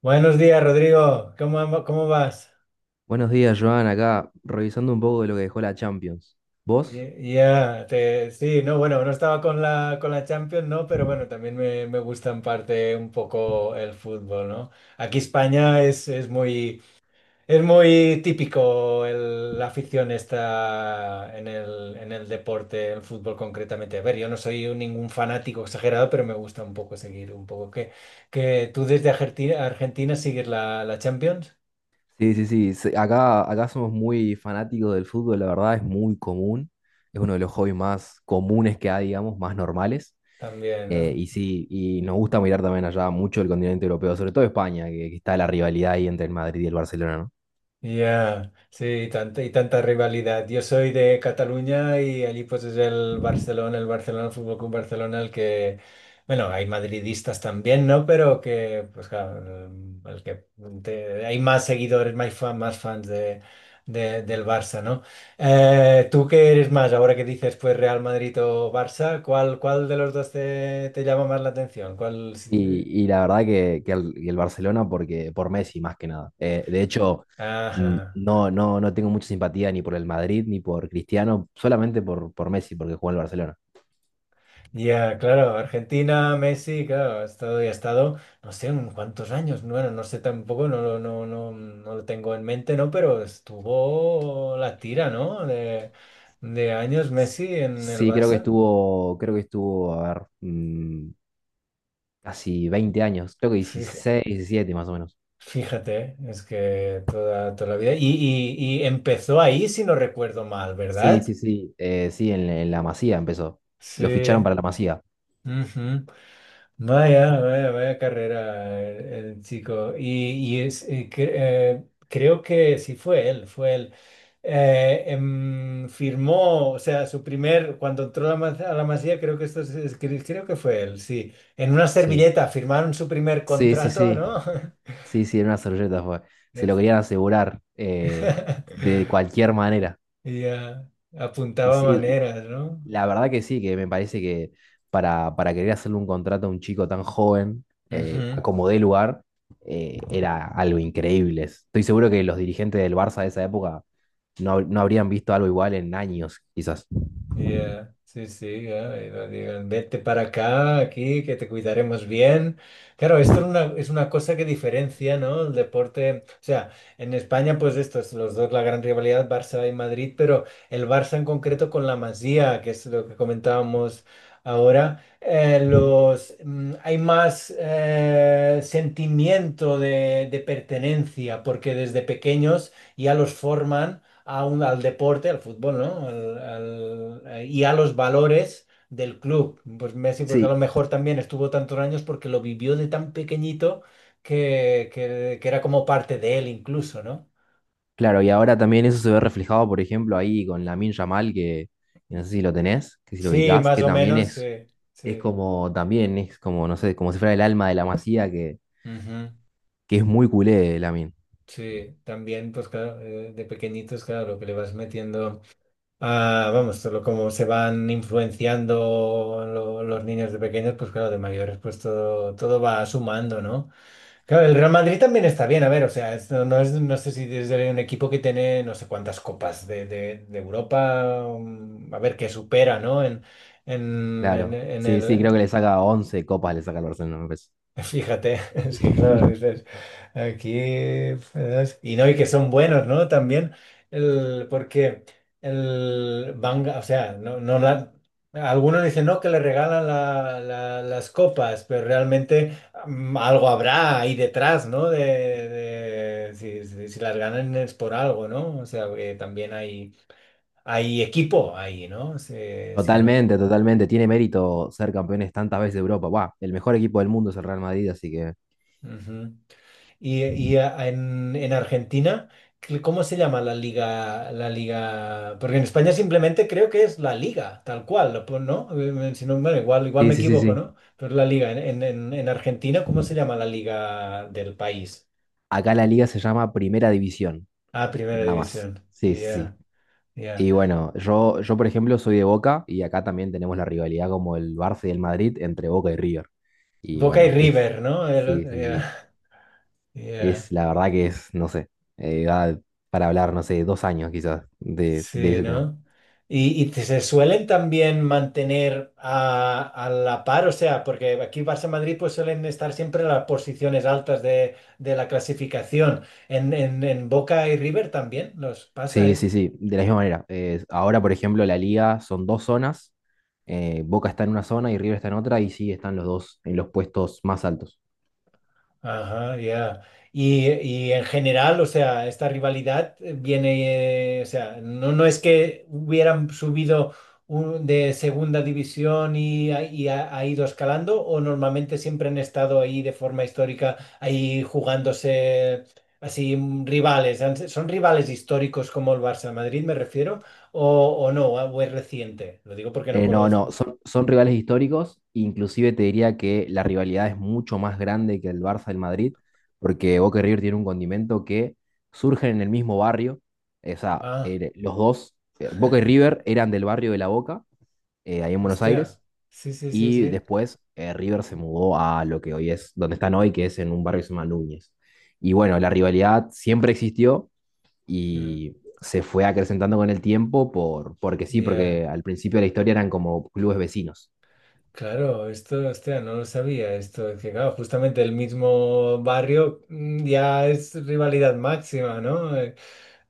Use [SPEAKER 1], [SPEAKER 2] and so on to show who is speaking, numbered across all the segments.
[SPEAKER 1] Buenos días, Rodrigo. ¿Cómo vas?
[SPEAKER 2] Buenos días, Joan. Acá revisando un poco de lo que dejó la Champions. ¿Vos?
[SPEAKER 1] Ya, sí, no, bueno, no estaba con la Champions, ¿no? Pero bueno, también me gusta en parte un poco el fútbol, ¿no? Aquí España es muy típico la afición está en el deporte, el fútbol concretamente. A ver, yo no soy ningún fanático exagerado, pero me gusta un poco seguir un poco. ¿Que tú desde Argentina sigues la Champions?
[SPEAKER 2] Sí, sí, sí. Acá, somos muy fanáticos del fútbol, la verdad es muy común. Es uno de los hobbies más comunes que hay, digamos, más normales.
[SPEAKER 1] También, ¿no?
[SPEAKER 2] Y sí, y nos gusta mirar también allá mucho el continente europeo, sobre todo España, que está la rivalidad ahí entre el Madrid y el Barcelona, ¿no?
[SPEAKER 1] Ya, sí, y tanta rivalidad. Yo soy de Cataluña y allí pues es el Barcelona, el Fútbol Club Barcelona, el que, bueno, hay madridistas también, ¿no? Pero que, pues claro, el que hay más seguidores, más, más fans del Barça, ¿no? ¿Tú qué eres más? Ahora que dices pues Real Madrid o Barça, ¿cuál de los dos te llama más la atención? ¿Cuál? Si te-
[SPEAKER 2] Y la verdad que el Barcelona porque, por Messi más que nada. De hecho, n-
[SPEAKER 1] Ajá.
[SPEAKER 2] no, no, no tengo mucha simpatía ni por el Madrid ni por Cristiano, solamente por Messi porque jugó en el Barcelona.
[SPEAKER 1] Ya, claro, Argentina, Messi, claro, ha estado y ha estado, no sé, en cuántos años, bueno, no sé tampoco, no, no, no, no lo tengo en mente, ¿no? Pero estuvo la tira, ¿no? De años Messi en el
[SPEAKER 2] Sí, creo que
[SPEAKER 1] Barça.
[SPEAKER 2] estuvo, creo que estuvo, a ver, casi 20 años, creo que
[SPEAKER 1] Fija-
[SPEAKER 2] 16 17 más o menos.
[SPEAKER 1] Fíjate, es que toda la vida. Y empezó ahí, si no recuerdo mal,
[SPEAKER 2] Sí,
[SPEAKER 1] ¿verdad?
[SPEAKER 2] sí, sí, sí, en la Masía empezó. Lo ficharon
[SPEAKER 1] Sí.
[SPEAKER 2] para la Masía,
[SPEAKER 1] Ujú. Vaya, vaya, vaya carrera el chico. Y es, creo que sí fue él, fue él. Firmó, o sea, su primer, cuando entró a la Masía, creo que esto creo que fue él, sí. En una
[SPEAKER 2] sí.
[SPEAKER 1] servilleta firmaron su primer
[SPEAKER 2] Sí, sí,
[SPEAKER 1] contrato,
[SPEAKER 2] sí,
[SPEAKER 1] ¿no?
[SPEAKER 2] sí, sí, en una servilleta fue. Se lo
[SPEAKER 1] Es-
[SPEAKER 2] querían asegurar de cualquier manera.
[SPEAKER 1] Y ya
[SPEAKER 2] Y
[SPEAKER 1] apuntaba
[SPEAKER 2] sí,
[SPEAKER 1] maneras, ¿no?
[SPEAKER 2] la verdad que sí, que me parece que para querer hacerle un contrato a un chico tan joven, a
[SPEAKER 1] Ujú.
[SPEAKER 2] como dé lugar, era algo increíble. Estoy seguro que los dirigentes del Barça de esa época no habrían visto algo igual en años, quizás.
[SPEAKER 1] Ya, sí, sí, ya, y lo digan, vete para acá, aquí, que te cuidaremos bien. Claro, esto es una cosa que diferencia, ¿no? El deporte, o sea, en España, pues esto es los dos, la gran rivalidad, Barça y Madrid, pero el Barça en concreto con la Masía, que es lo que comentábamos ahora,
[SPEAKER 2] Ujú.
[SPEAKER 1] hay más sentimiento de pertenencia, porque desde pequeños ya los forman al deporte, al fútbol, ¿no? Y a los valores del club. Pues Messi, pues a lo
[SPEAKER 2] Sí,
[SPEAKER 1] mejor también estuvo tantos años porque lo vivió de tan pequeñito que era como parte de él incluso, ¿no?
[SPEAKER 2] claro, y ahora también eso se ve reflejado, por ejemplo, ahí con Lamine Yamal, que no sé si lo tenés, que si lo
[SPEAKER 1] Sí,
[SPEAKER 2] ubicás,
[SPEAKER 1] más
[SPEAKER 2] que
[SPEAKER 1] o
[SPEAKER 2] también
[SPEAKER 1] menos, sí,
[SPEAKER 2] es
[SPEAKER 1] sí.
[SPEAKER 2] como, también es como, no sé, como si fuera el alma de la Masía, que,
[SPEAKER 1] Ujú.
[SPEAKER 2] que es muy culé, Lamine.
[SPEAKER 1] Sí, también, pues claro, de pequeñitos, claro, lo que le vas metiendo a, vamos, todo lo como se van influenciando los niños de pequeños, pues claro, de mayores, pues todo va sumando, ¿no? Claro, el Real Madrid también está bien, a ver, o sea, no, no es, no sé si es de un equipo que tiene no sé cuántas copas de Europa, a ver, que supera, ¿no? En, en, en-
[SPEAKER 2] Claro.
[SPEAKER 1] en
[SPEAKER 2] Sí, sí, creo que
[SPEAKER 1] el,
[SPEAKER 2] le saca 11 copas, le saca al Barcelona, me parece.
[SPEAKER 1] Fíjate, es que claro, dices, aquí, ¿sabes? Y no, y que son buenos, ¿no? También, el, porque el van, o sea, algunos dicen, no, que le regalan las copas, pero realmente algo habrá ahí detrás, ¿no? Si las ganan es por algo, ¿no? O sea, que también hay equipo ahí, ¿no?
[SPEAKER 2] Totalmente, totalmente. Tiene mérito ser campeones tantas veces de Europa. Buah, el mejor equipo del mundo es el Real Madrid, así que.
[SPEAKER 1] Ujú. En Argentina, ¿cómo se llama la liga? Porque en España simplemente creo que es la liga, tal cual, ¿no? Si no, bueno, igual
[SPEAKER 2] Sí,
[SPEAKER 1] me
[SPEAKER 2] sí, sí,
[SPEAKER 1] equivoco,
[SPEAKER 2] sí.
[SPEAKER 1] ¿no? Pero la liga, en Argentina, ¿cómo se llama la liga del país?
[SPEAKER 2] Acá la liga se llama Primera División,
[SPEAKER 1] Ah, Primera
[SPEAKER 2] nada más.
[SPEAKER 1] División.
[SPEAKER 2] Sí, sí, sí.
[SPEAKER 1] Ya, ya.
[SPEAKER 2] Y bueno, yo por ejemplo soy de Boca y acá también tenemos la rivalidad como el Barça y el Madrid entre Boca y River. Y
[SPEAKER 1] Boca y
[SPEAKER 2] bueno, es.
[SPEAKER 1] River, ¿no?
[SPEAKER 2] Sí, sí, sí.
[SPEAKER 1] Ya,
[SPEAKER 2] Es
[SPEAKER 1] ya.
[SPEAKER 2] la verdad que es, no sé, da para hablar, no sé, 2 años quizás de
[SPEAKER 1] Sí,
[SPEAKER 2] ese tema.
[SPEAKER 1] ¿no? Y se suelen también mantener a la par, o sea, porque aquí Barça-Madrid pues suelen estar siempre en las posiciones altas de la clasificación. En Boca y River también nos pasa.
[SPEAKER 2] Sí, sí, sí, de la misma manera. Ahora, por ejemplo, la liga son dos zonas. Boca está en una zona y River está en otra y sí, están los dos en los puestos más altos.
[SPEAKER 1] Ajá, ya. Y en general, o sea, esta rivalidad viene, o sea, no es que hubieran subido de segunda división y ha ido escalando, o normalmente siempre han estado ahí de forma histórica, ahí jugándose así rivales. ¿Son rivales históricos como el Barça Madrid, me refiero? ¿O no? ¿O es reciente? Lo digo porque no
[SPEAKER 2] No, no,
[SPEAKER 1] conozco.
[SPEAKER 2] son rivales históricos. Inclusive te diría que la rivalidad es mucho más grande que el Barça del Madrid, porque Boca y River tienen un condimento que surgen en el mismo barrio. O sea,
[SPEAKER 1] Ah,
[SPEAKER 2] los dos, Boca y River eran del barrio de La Boca, ahí en Buenos
[SPEAKER 1] hostia.
[SPEAKER 2] Aires.
[SPEAKER 1] Sí, sí, sí,
[SPEAKER 2] Y
[SPEAKER 1] sí.
[SPEAKER 2] después River se mudó a lo que hoy es, donde están hoy, que es en un barrio que se llama Núñez. Y bueno, la rivalidad siempre existió
[SPEAKER 1] Mm,
[SPEAKER 2] y se fue acrecentando con el tiempo porque sí,
[SPEAKER 1] Ya.
[SPEAKER 2] porque al principio de la historia eran como clubes vecinos.
[SPEAKER 1] Claro, esto, hostia, no lo sabía, esto, es que claro, justamente el mismo barrio ya es rivalidad máxima, ¿no?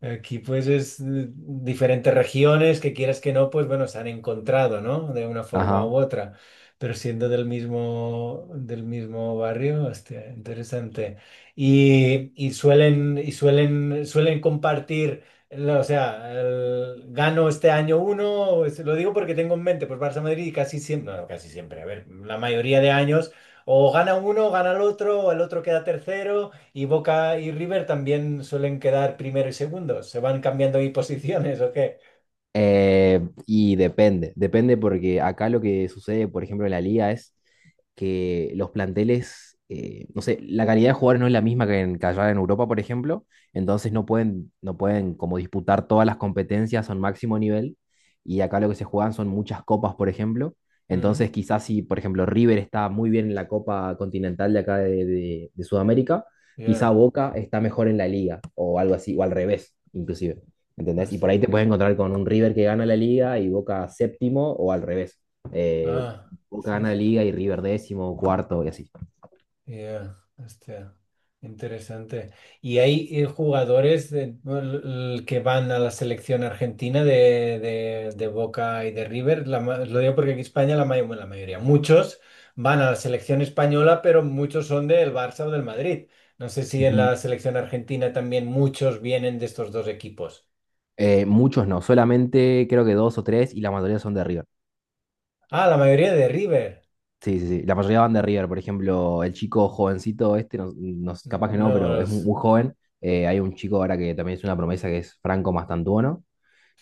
[SPEAKER 1] Aquí pues es diferentes regiones que quieras que no, pues bueno, se han encontrado, ¿no? De una forma u
[SPEAKER 2] Ajá.
[SPEAKER 1] otra, pero siendo del mismo barrio, hostia, interesante. Y suelen compartir. O sea, gano este año uno, lo digo porque tengo en mente, pues Barça Madrid y casi siempre, no, no, casi siempre, a ver, la mayoría de años, o gana uno, gana el otro, o el otro queda tercero, y Boca y River también suelen quedar primero y segundo, se van cambiando ahí posiciones, ¿o qué?
[SPEAKER 2] Y depende porque acá lo que sucede, por ejemplo, en la liga es que los planteles, no sé, la calidad de jugadores no es la misma que allá en Europa, por ejemplo, entonces no pueden como disputar todas las competencias a un máximo nivel, y acá lo que se juegan son muchas copas, por ejemplo, entonces
[SPEAKER 1] Mm,
[SPEAKER 2] quizás si, por ejemplo, River está muy bien en la Copa Continental de acá de Sudamérica, quizá
[SPEAKER 1] ya,
[SPEAKER 2] Boca está mejor en la liga, o algo así, o al revés, inclusive. ¿Entendés? Y por ahí
[SPEAKER 1] basta.
[SPEAKER 2] te puedes encontrar con un River que gana la liga y Boca séptimo o al revés. Eh,
[SPEAKER 1] Ah,
[SPEAKER 2] Boca
[SPEAKER 1] sí,
[SPEAKER 2] gana la
[SPEAKER 1] sí.
[SPEAKER 2] liga y River 10.º, cuarto y así.
[SPEAKER 1] Ya, este, interesante. ¿Y hay jugadores bueno, que van a la selección argentina de Boca y de River? Lo digo porque aquí en España bueno, la mayoría, muchos van a la selección española, pero muchos son del Barça o del Madrid. No sé si en
[SPEAKER 2] Ujú.
[SPEAKER 1] la selección argentina también muchos vienen de estos dos equipos.
[SPEAKER 2] Muchos no, solamente creo que dos o tres y la mayoría son de River.
[SPEAKER 1] Ah, la mayoría de River.
[SPEAKER 2] Sí, sí, sí. La mayoría van de River. Por ejemplo, el chico jovencito este, no, capaz que no,
[SPEAKER 1] No,
[SPEAKER 2] pero es muy, muy joven. Hay un chico ahora que también es una promesa que es Franco Mastantuono.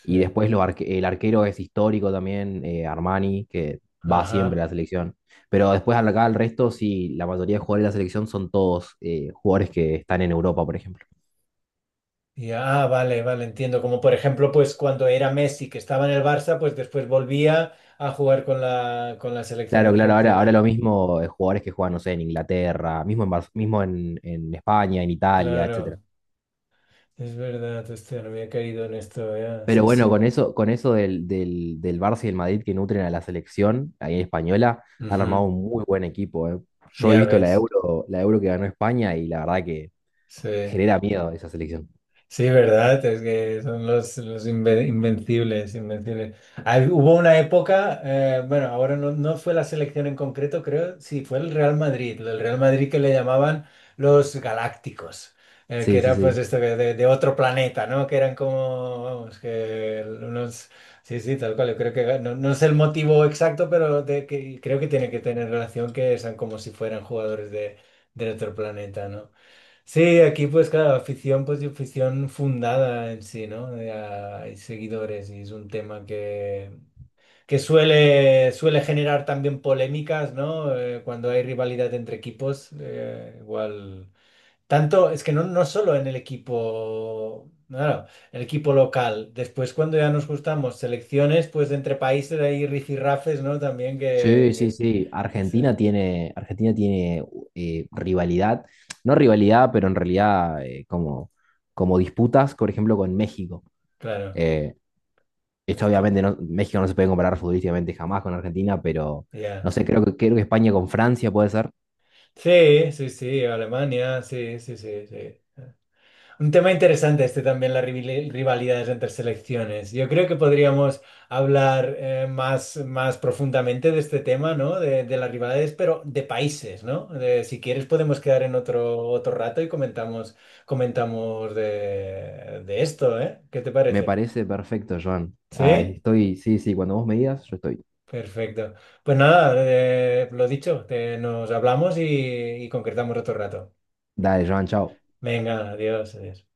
[SPEAKER 2] Y
[SPEAKER 1] sí.
[SPEAKER 2] después el arquero es histórico también, Armani, que va siempre
[SPEAKER 1] Ajá.
[SPEAKER 2] a la selección. Pero después acá el resto, sí, la mayoría de jugadores de la selección son todos jugadores que están en Europa, por ejemplo.
[SPEAKER 1] Ya, ah, vale, vale, entiendo. Como por ejemplo, pues cuando era Messi, que estaba en el Barça, pues después volvía a jugar con la selección
[SPEAKER 2] Claro, claro, ahora
[SPEAKER 1] argentina.
[SPEAKER 2] lo mismo, jugadores que juegan, no sé, en Inglaterra, mismo en España, en Italia, etcétera.
[SPEAKER 1] Claro, es verdad, hostia, no había caído en esto, ya,
[SPEAKER 2] Pero
[SPEAKER 1] sí,
[SPEAKER 2] bueno,
[SPEAKER 1] sí.
[SPEAKER 2] con eso del Barça y el Madrid que nutren a la selección, ahí en española, han armado
[SPEAKER 1] Ujú.
[SPEAKER 2] un muy buen equipo, eh. Yo he
[SPEAKER 1] Ya
[SPEAKER 2] visto la
[SPEAKER 1] ves,
[SPEAKER 2] Euro, la Euro que ganó España y la verdad que
[SPEAKER 1] sí.
[SPEAKER 2] genera miedo esa selección.
[SPEAKER 1] Sí, verdad, es que son los invencibles, invencibles. Hubo una época, bueno, ahora no fue la selección en concreto, creo, sí, fue el Real Madrid que le llamaban los Galácticos, que
[SPEAKER 2] Sí, sí,
[SPEAKER 1] era pues
[SPEAKER 2] sí.
[SPEAKER 1] esto que de otro planeta, ¿no? Que eran como, vamos, que unos, sí, sí, tal cual, yo creo que no sé el motivo exacto, pero de que, creo que tiene que tener relación que sean como si fueran jugadores de otro planeta, ¿no? Sí, aquí pues claro, afición, pues y afición fundada en sí, ¿no? Hay seguidores y es un tema que suele generar también polémicas, ¿no? Cuando hay rivalidad entre equipos, igual. Tanto, es que no solo en el equipo, claro, el equipo local. Después cuando ya nos gustamos selecciones, pues entre países hay rifirrafes, ¿no? También
[SPEAKER 2] Sí, sí, sí.
[SPEAKER 1] que se-
[SPEAKER 2] Argentina tiene rivalidad, no rivalidad, pero en realidad como disputas, por ejemplo, con México.
[SPEAKER 1] claro,
[SPEAKER 2] Eh, Esto
[SPEAKER 1] este,
[SPEAKER 2] obviamente no, México no se puede comparar futbolísticamente jamás con Argentina, pero no
[SPEAKER 1] ya.
[SPEAKER 2] sé, creo que España con Francia puede ser.
[SPEAKER 1] Sí, sí, sí, Alemania, sí, sí, sí, sí. Un tema interesante este también, las rivalidades entre selecciones. Yo creo que podríamos hablar más profundamente de este tema, ¿no? De las rivalidades, pero de países, ¿no? Si quieres podemos quedar en otro rato y comentamos de esto, ¿eh? ¿Qué te
[SPEAKER 2] Me
[SPEAKER 1] parece?
[SPEAKER 2] parece perfecto, Joan. Ay,
[SPEAKER 1] ¿Sí?
[SPEAKER 2] estoy, sí, sí, cuando vos me digas, yo estoy.
[SPEAKER 1] Perfecto. Pues nada, lo dicho, nos hablamos y concretamos otro rato.
[SPEAKER 2] Dale, Joan, chao.
[SPEAKER 1] Venga, adiós, adiós.